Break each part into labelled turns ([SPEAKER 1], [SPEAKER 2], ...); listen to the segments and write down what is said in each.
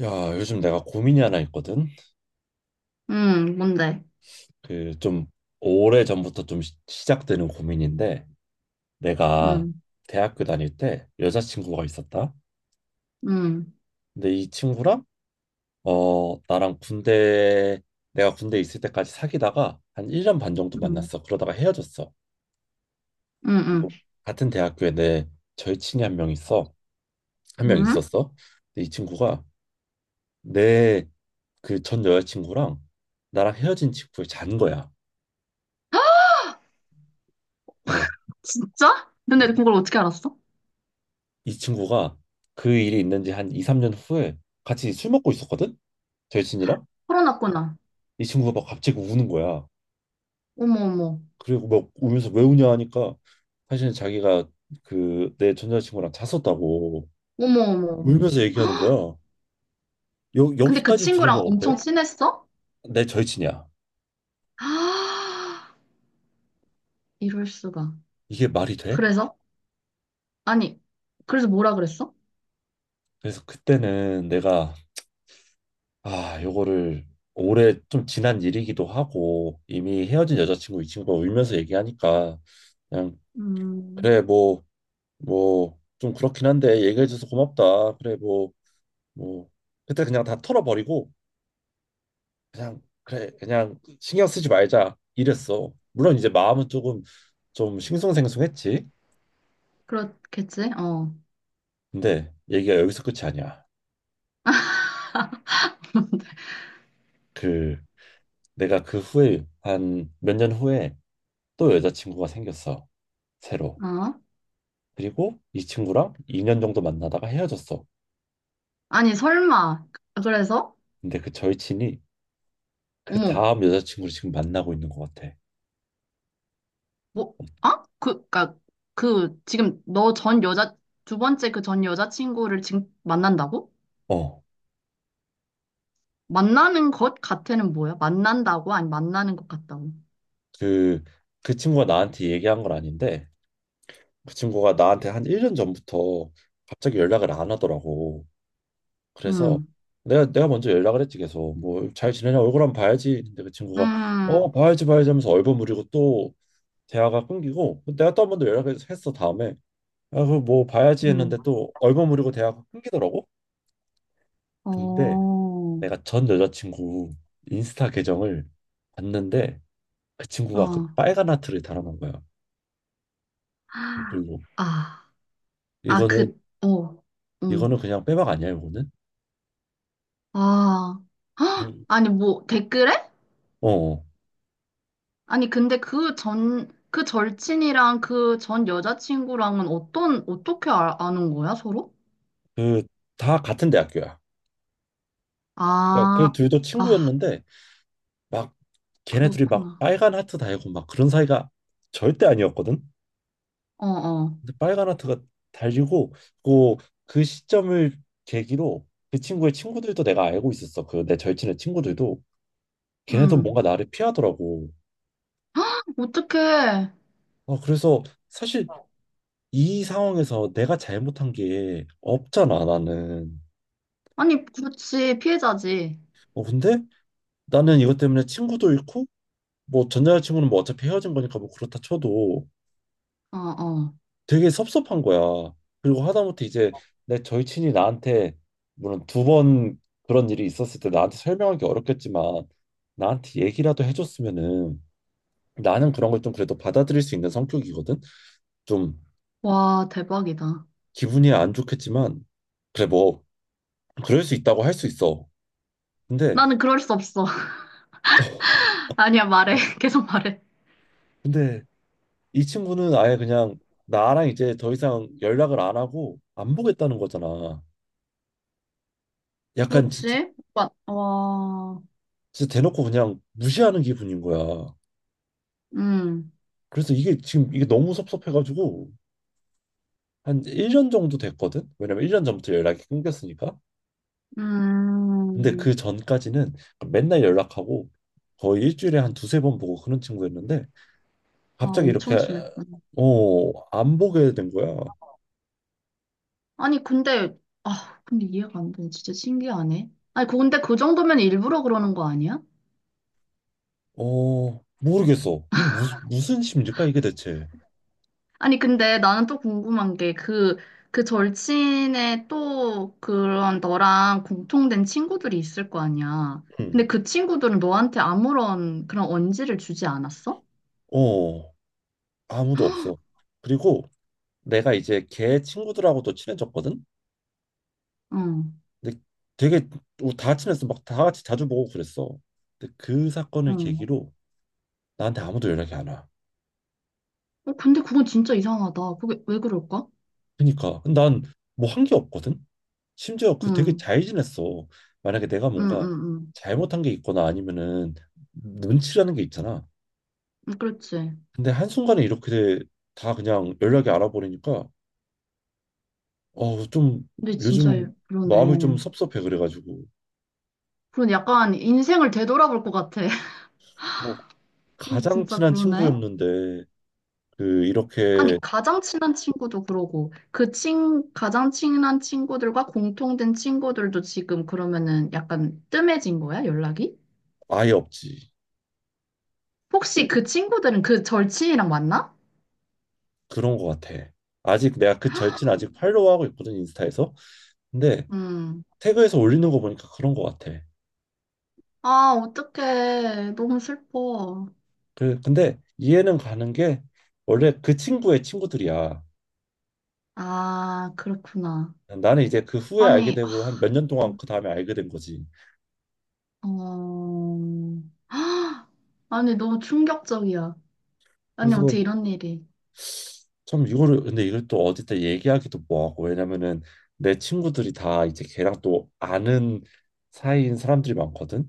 [SPEAKER 1] 야, 요즘 내가 고민이 하나 있거든.
[SPEAKER 2] 응, 뭔데?
[SPEAKER 1] 그 좀 오래 전부터 좀 시작되는 고민인데, 내가
[SPEAKER 2] 응,
[SPEAKER 1] 대학교 다닐 때 여자친구가 있었다.
[SPEAKER 2] 응,
[SPEAKER 1] 근데 이 친구랑 어 나랑 군대 내가 군대 있을 때까지 사귀다가 한 1년 반 정도
[SPEAKER 2] 응,
[SPEAKER 1] 만났어. 그러다가 헤어졌어.
[SPEAKER 2] 응,
[SPEAKER 1] 그리고 같은 대학교에 내 절친이 한 명 있어. 한 명
[SPEAKER 2] 응, 응?
[SPEAKER 1] 있었어. 근데 이 친구가 내 그 전 여자친구랑 나랑 헤어진 친구를 잔 거야. 어.
[SPEAKER 2] 진짜? 근데 그걸 어떻게 알았어?
[SPEAKER 1] 이 친구가 그 일이 있는 지 한 2, 3년 후에 같이 술 먹고 있었거든? 절친이랑?
[SPEAKER 2] 코어나구나.
[SPEAKER 1] 이 친구가 막 갑자기 우는 거야.
[SPEAKER 2] 어머, 어머,
[SPEAKER 1] 그리고 막 울면서 왜 우냐 하니까 사실은 자기가 그 내 전 여자친구랑 잤었다고
[SPEAKER 2] 어머, 어머, 어머.
[SPEAKER 1] 울면서 얘기하는 거야.
[SPEAKER 2] 근데 그
[SPEAKER 1] 여기까지
[SPEAKER 2] 친구랑
[SPEAKER 1] 들으면 어때?
[SPEAKER 2] 엄청 친했어?
[SPEAKER 1] 내 절친이야.
[SPEAKER 2] 아, 이럴 수가.
[SPEAKER 1] 이게 말이 돼?
[SPEAKER 2] 그래서? 아니, 그래서 뭐라 그랬어?
[SPEAKER 1] 그래서 그때는 내가 아, 요거를 오래 좀 지난 일이기도 하고 이미 헤어진 여자친구 이 친구가 울면서 얘기하니까 그냥
[SPEAKER 2] 음,
[SPEAKER 1] 그래 뭐 뭐 좀 그렇긴 한데 얘기해줘서 고맙다. 그래 뭐 뭐 그때 그냥 다 털어버리고 그냥 그래 그냥 신경 쓰지 말자 이랬어. 물론 이제 마음은 조금 좀 싱숭생숭했지.
[SPEAKER 2] 그렇겠지? 어,
[SPEAKER 1] 근데 얘기가 여기서 끝이 아니야. 그 내가 그 후에 한 몇 년 후에 또 여자친구가 생겼어 새로.
[SPEAKER 2] 어?
[SPEAKER 1] 그리고 이 친구랑 2년 정도 만나다가 헤어졌어.
[SPEAKER 2] 아니, 설마. 그래서?
[SPEAKER 1] 근데 그 절친이 그
[SPEAKER 2] 어머,
[SPEAKER 1] 다음 여자친구를 지금 만나고 있는 것 같아.
[SPEAKER 2] 뭐, 아? 그, 그니까, 그, 지금 너 전 여자, 두 번째 그 전 여자친구를 지금 만난다고?
[SPEAKER 1] 어.
[SPEAKER 2] 만나는 것 같아는 뭐야? 만난다고? 아니, 만나는 것 같다고.
[SPEAKER 1] 그, 그 친구가 나한테 얘기한 건 아닌데 그 친구가 나한테 한 1년 전부터 갑자기 연락을 안 하더라고. 그래서
[SPEAKER 2] 음,
[SPEAKER 1] 내가 내가 먼저 연락을 했지 계속 뭐 잘 지내냐 얼굴 한번 봐야지. 근데 그 친구가 어
[SPEAKER 2] 음,
[SPEAKER 1] 봐야지 봐야지 하면서 얼버무리고 또 대화가 끊기고 그 내가 또 한 번 더 연락을 했어 다음에 아 그 뭐 봐야지
[SPEAKER 2] 음,
[SPEAKER 1] 했는데 또 얼버무리고 대화가 끊기더라고.
[SPEAKER 2] 어,
[SPEAKER 1] 근데
[SPEAKER 2] 어.
[SPEAKER 1] 내가 전 여자친구 인스타 계정을 봤는데 그 친구가 그 빨간 하트를 달아놓은 거야. 댓글로.
[SPEAKER 2] 아, 아,
[SPEAKER 1] 이거는
[SPEAKER 2] 그, 어,
[SPEAKER 1] 이거는
[SPEAKER 2] 음,
[SPEAKER 1] 그냥 빼박 아니야, 이거는?
[SPEAKER 2] 아, 헉!
[SPEAKER 1] 그리고
[SPEAKER 2] 아니, 뭐, 댓글에?
[SPEAKER 1] 어, 어.
[SPEAKER 2] 아니, 근데 그 전, 그 절친이랑 그 전 여자친구랑은 어떤, 어떻게 아, 아는 거야, 서로?
[SPEAKER 1] 그 다 같은 대학교야. 그러니까 그
[SPEAKER 2] 아,
[SPEAKER 1] 둘도
[SPEAKER 2] 아,
[SPEAKER 1] 친구였는데 막 걔네들이 막
[SPEAKER 2] 그렇구나.
[SPEAKER 1] 빨간 하트 달고 막 그런 사이가 절대 아니었거든.
[SPEAKER 2] 어, 어,
[SPEAKER 1] 근데 빨간 하트가 달리고 그, 그 시점을 계기로 그 친구의 친구들도 내가 알고 있었어. 그 내 절친의 친구들도 걔네도
[SPEAKER 2] 음.
[SPEAKER 1] 뭔가 나를 피하더라고.
[SPEAKER 2] 어떡해.
[SPEAKER 1] 어, 그래서 사실 이 상황에서 내가 잘못한 게 없잖아, 나는.
[SPEAKER 2] 아니, 그렇지, 피해자지.
[SPEAKER 1] 어, 근데 나는 이것 때문에 친구도 잃고 뭐 전 여자친구는 뭐 어차피 헤어진 거니까 뭐 그렇다 쳐도
[SPEAKER 2] 어, 어.
[SPEAKER 1] 되게 섭섭한 거야. 그리고 하다못해 이제 내 절친이 나한테 물론 두 번 그런 일이 있었을 때 나한테 설명하기 어렵겠지만 나한테 얘기라도 해줬으면은 나는 그런 걸 좀 그래도 받아들일 수 있는 성격이거든. 좀
[SPEAKER 2] 와, 대박이다.
[SPEAKER 1] 기분이 안 좋겠지만 그래 뭐 그럴 수 있다고 할 수 있어. 근데
[SPEAKER 2] 나는 그럴 수 없어. 아니야, 말해. 계속 말해.
[SPEAKER 1] 근데 이 친구는 아예 그냥 나랑 이제 더 이상 연락을 안 하고 안 보겠다는 거잖아. 약간 진짜
[SPEAKER 2] 그렇지? 와, 와,
[SPEAKER 1] 진짜 대놓고 그냥 무시하는 기분인 거야.
[SPEAKER 2] 음,
[SPEAKER 1] 그래서 이게 지금 이게 너무 섭섭해가지고 한 1년 정도 됐거든? 왜냐면 1년 전부터 연락이 끊겼으니까. 근데
[SPEAKER 2] 음.
[SPEAKER 1] 그 전까지는 맨날 연락하고 거의 일주일에 한 두세 번 보고 그런 친구였는데
[SPEAKER 2] 아,
[SPEAKER 1] 갑자기 이렇게
[SPEAKER 2] 엄청 친했구나.
[SPEAKER 1] 어, 안 보게 된 거야.
[SPEAKER 2] 아니, 근데, 아, 근데 이해가 안 돼. 진짜 신기하네. 아니, 근데 그 정도면 일부러 그러는 거 아니야?
[SPEAKER 1] 어, 모르겠어. 이게 무슨 심리일까 이게 대체.
[SPEAKER 2] 아니, 근데 나는 또 궁금한 게 그, 그 절친의 또 그런 너랑 공통된 친구들이 있을 거 아니야.
[SPEAKER 1] 응.
[SPEAKER 2] 근데 그 친구들은 너한테 아무런 그런 언지를 주지 않았어?
[SPEAKER 1] 어, 아무도 없어. 그리고 내가 이제 걔 친구들하고도 친해졌거든?
[SPEAKER 2] 응,
[SPEAKER 1] 근데 되게 우다 친했어 막 다 같이 자주 보고 그랬어. 근데 그 사건을
[SPEAKER 2] 응.
[SPEAKER 1] 계기로 나한테 아무도 연락이 안 와.
[SPEAKER 2] 어, 근데 그건 진짜 이상하다. 그게 왜 그럴까?
[SPEAKER 1] 그러니까 난 뭐 한 게 없거든. 심지어 그 되게
[SPEAKER 2] 응,
[SPEAKER 1] 잘 지냈어. 만약에 내가
[SPEAKER 2] 응,
[SPEAKER 1] 뭔가
[SPEAKER 2] 응,
[SPEAKER 1] 잘못한 게 있거나 아니면은 눈치라는 게 있잖아.
[SPEAKER 2] 응. 그렇지.
[SPEAKER 1] 근데 한순간에 이렇게 다 그냥 연락이 알아버리니까 좀
[SPEAKER 2] 근데 진짜
[SPEAKER 1] 요즘 마음이 좀
[SPEAKER 2] 그러네.
[SPEAKER 1] 섭섭해 그래가지고
[SPEAKER 2] 그런 약간 인생을 되돌아볼 것 같아.
[SPEAKER 1] 어, 가장
[SPEAKER 2] 진짜
[SPEAKER 1] 친한
[SPEAKER 2] 그러네.
[SPEAKER 1] 친구였는데 그
[SPEAKER 2] 아니,
[SPEAKER 1] 이렇게
[SPEAKER 2] 가장 친한 친구도 그러고, 그 친, 가장 친한 친구들과 공통된 친구들도 지금 그러면은 약간 뜸해진 거야, 연락이?
[SPEAKER 1] 아예 없지.
[SPEAKER 2] 혹시 그 친구들은 그 절친이랑 만나?
[SPEAKER 1] 그런 것 같아. 아직 내가 그 절친 아직 팔로우하고 있거든 인스타에서. 근데
[SPEAKER 2] 음.
[SPEAKER 1] 태그에서 올리는 거 보니까 그런 것 같아.
[SPEAKER 2] 아, 어떡해. 너무 슬퍼.
[SPEAKER 1] 그 근데 이해는 가는 게 원래 그 친구의 친구들이야.
[SPEAKER 2] 아, 그렇구나.
[SPEAKER 1] 나는 이제 그 후에 알게
[SPEAKER 2] 아니, 아,
[SPEAKER 1] 되고 한 몇 년 동안 그 다음에 알게 된 거지.
[SPEAKER 2] 어, 아니, 너무 충격적이야. 아니,
[SPEAKER 1] 그래서
[SPEAKER 2] 어떻게 이런 일이.
[SPEAKER 1] 참 이거를 근데 이걸 또 어디다 얘기하기도 뭐하고 왜냐면은 내 친구들이 다 이제 걔랑 또 아는 사이인 사람들이 많거든.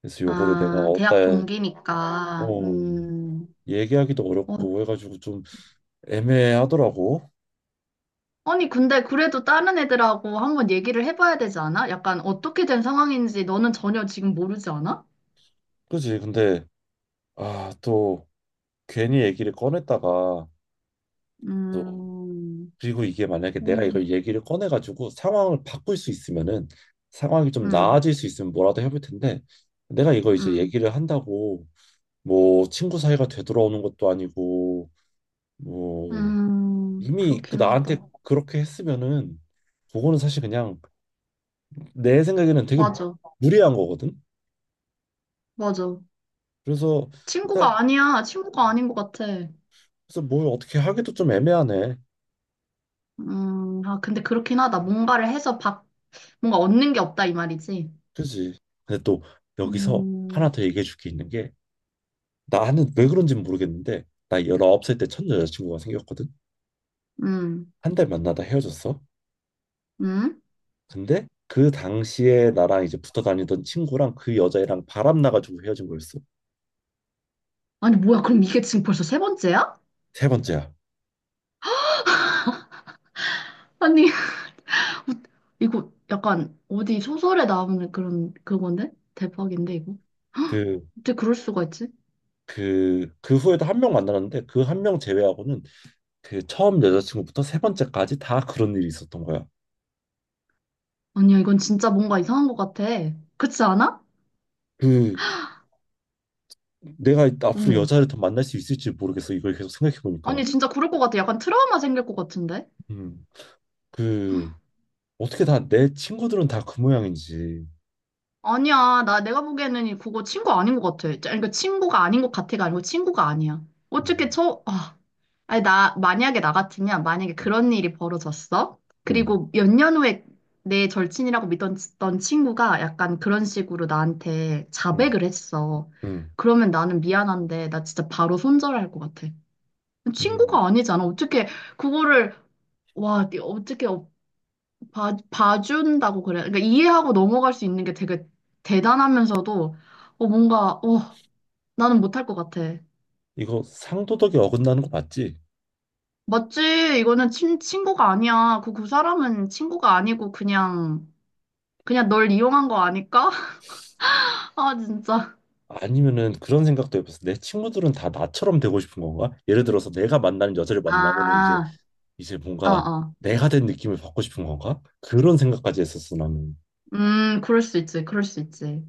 [SPEAKER 1] 그래서 요거를 내가
[SPEAKER 2] 아,
[SPEAKER 1] 어디다
[SPEAKER 2] 대학 동기니까,
[SPEAKER 1] 어 얘기하기도
[SPEAKER 2] 어,
[SPEAKER 1] 어렵고 해가지고 좀 애매하더라고.
[SPEAKER 2] 아니, 근데 그래도 다른 애들하고 한번 얘기를 해봐야 되지 않아? 약간 어떻게 된 상황인지 너는 전혀 지금 모르지 않아?
[SPEAKER 1] 그지? 근데 아, 또 괜히 얘기를 꺼냈다가 또
[SPEAKER 2] 음,
[SPEAKER 1] 그리고 이게 만약에 내가
[SPEAKER 2] 음.
[SPEAKER 1] 이걸 얘기를 꺼내가지고 상황을 바꿀 수 있으면은 상황이 좀
[SPEAKER 2] 음,
[SPEAKER 1] 나아질 수 있으면 뭐라도 해볼 텐데 내가 이거 이제
[SPEAKER 2] 음,
[SPEAKER 1] 얘기를 한다고 뭐 친구 사이가 되돌아오는 것도 아니고 뭐 이미 그
[SPEAKER 2] 그렇긴
[SPEAKER 1] 나한테
[SPEAKER 2] 하다.
[SPEAKER 1] 그렇게 했으면은 그거는 사실 그냥 내 생각에는 되게
[SPEAKER 2] 맞아,
[SPEAKER 1] 무리한 거거든.
[SPEAKER 2] 맞아.
[SPEAKER 1] 그래서 일단
[SPEAKER 2] 친구가 아니야. 친구가 아닌 것 같아.
[SPEAKER 1] 그래서 뭘 어떻게 하기도 좀 애매하네.
[SPEAKER 2] 아, 근데 그렇긴 하다. 뭔가 얻는 게 없다 이 말이지.
[SPEAKER 1] 그지. 근데 또 여기서 하나
[SPEAKER 2] 음,
[SPEAKER 1] 더 얘기해 줄 게 있는 게 나는 왜 그런지는 모르겠는데 나 19살 때 첫 여자친구가 생겼거든.
[SPEAKER 2] 음,
[SPEAKER 1] 한 달 만나다 헤어졌어.
[SPEAKER 2] 음.
[SPEAKER 1] 근데 그 당시에 나랑 이제 붙어 다니던 친구랑 그 여자애랑 바람 나가지고 헤어진 거였어.
[SPEAKER 2] 아니 뭐야? 그럼 이게 지금 벌써 세 번째야?
[SPEAKER 1] 세 번째야.
[SPEAKER 2] 아니 이거 약간 어디 소설에 나오는 그런 그건데? 대박인데 이거?
[SPEAKER 1] 그
[SPEAKER 2] 어떻게 그럴 수가 있지?
[SPEAKER 1] 그 후에도 한 명 만나는데 그 한 명 제외하고는 그 처음 여자친구부터 세 번째까지 다 그런 일이 있었던 거야.
[SPEAKER 2] 아니야 이건 진짜 뭔가 이상한 것 같아. 그렇지 않아?
[SPEAKER 1] 그 내가 앞으로
[SPEAKER 2] 어머.
[SPEAKER 1] 여자를 더 만날 수 있을지 모르겠어. 이걸 계속 생각해
[SPEAKER 2] 아니
[SPEAKER 1] 보니까.
[SPEAKER 2] 진짜 그럴 것 같아. 약간 트라우마 생길 것 같은데?
[SPEAKER 1] 음. 그 어떻게 다 내 친구들은 다 그 모양인지.
[SPEAKER 2] 아니야 나 내가 보기에는 그거 친구 아닌 것 같아. 그러니까 친구가 아닌 것 같아가 아니고 친구가 아니야. 어떻게
[SPEAKER 1] 음,
[SPEAKER 2] 저 아. 아니, 나, 만약에 나 같으면, 만약에
[SPEAKER 1] 음,
[SPEAKER 2] 그런 일이 벌어졌어?
[SPEAKER 1] 음,
[SPEAKER 2] 그리고 몇 년 후에 내 절친이라고 믿던 던 친구가 약간 그런 식으로 나한테
[SPEAKER 1] 음,
[SPEAKER 2] 자백을 했어.
[SPEAKER 1] 음.
[SPEAKER 2] 그러면 나는 미안한데, 나 진짜 바로 손절할 것 같아.
[SPEAKER 1] 음.
[SPEAKER 2] 친구가 아니잖아. 어떻게, 그거를, 와, 네 어떻게 봐준다고 그래. 그러니까 이해하고 넘어갈 수 있는 게 되게 대단하면서도, 어, 뭔가, 어, 나는 못할 것 같아.
[SPEAKER 1] 이거 상도덕이 어긋나는 거 맞지?
[SPEAKER 2] 맞지? 이거는 친구가 아니야. 그, 그 사람은 친구가 아니고 그냥, 그냥 널 이용한 거 아닐까? 아, 진짜.
[SPEAKER 1] 아니면은 그런 생각도 해봤어. 내 친구들은 다 나처럼 되고 싶은 건가? 예를 들어서 내가 만나는 여자를 만나면은 이제
[SPEAKER 2] 아,
[SPEAKER 1] 이제
[SPEAKER 2] 어,
[SPEAKER 1] 뭔가
[SPEAKER 2] 어.
[SPEAKER 1] 내가 된 느낌을 받고 싶은 건가? 그런 생각까지 했었어 나는.
[SPEAKER 2] 그럴 수 있지. 그럴 수 있지.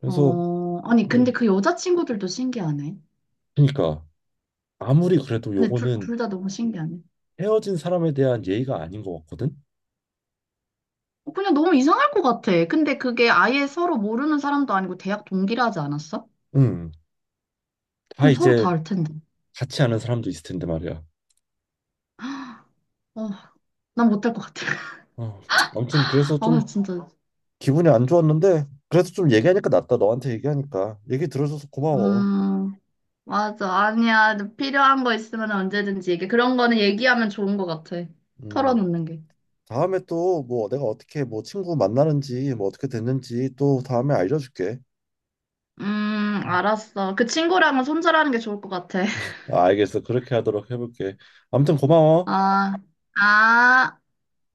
[SPEAKER 1] 그래서
[SPEAKER 2] 어, 아니, 근데
[SPEAKER 1] 음,
[SPEAKER 2] 그 여자친구들도 신기하네.
[SPEAKER 1] 그러니까 아무리 그래도
[SPEAKER 2] 근데
[SPEAKER 1] 요거는
[SPEAKER 2] 둘 다 너무 신기하네.
[SPEAKER 1] 헤어진 사람에 대한 예의가 아닌 것 같거든.
[SPEAKER 2] 어, 그냥 너무 이상할 것 같아. 근데 그게 아예 서로 모르는 사람도 아니고 대학 동기라 하지 않았어?
[SPEAKER 1] 음, 다
[SPEAKER 2] 그럼 서로
[SPEAKER 1] 이제
[SPEAKER 2] 다 알 텐데.
[SPEAKER 1] 같이 아는 사람도 있을 텐데 말이야.
[SPEAKER 2] 어, 난 못할 것 같아.
[SPEAKER 1] 어, 아무튼 그래서
[SPEAKER 2] 아,
[SPEAKER 1] 좀
[SPEAKER 2] 진짜.
[SPEAKER 1] 기분이 안 좋았는데 그래서 좀 얘기하니까 낫다. 너한테 얘기하니까 얘기 들어줘서 고마워.
[SPEAKER 2] 음. 맞아. 아니야. 필요한 거 있으면 언제든지 얘기. 그런 거는 얘기하면 좋은 것 같아.
[SPEAKER 1] 음,
[SPEAKER 2] 털어놓는 게.
[SPEAKER 1] 다음에 또 뭐 내가 어떻게 뭐 친구 만나는지 뭐 어떻게 됐는지 또 다음에 알려줄게. 음.
[SPEAKER 2] 알았어. 그 친구랑은 손절하는 게 좋을 것 같아.
[SPEAKER 1] 아, 알겠어. 그렇게 하도록 해볼게. 아무튼 고마워.
[SPEAKER 2] 아, 아,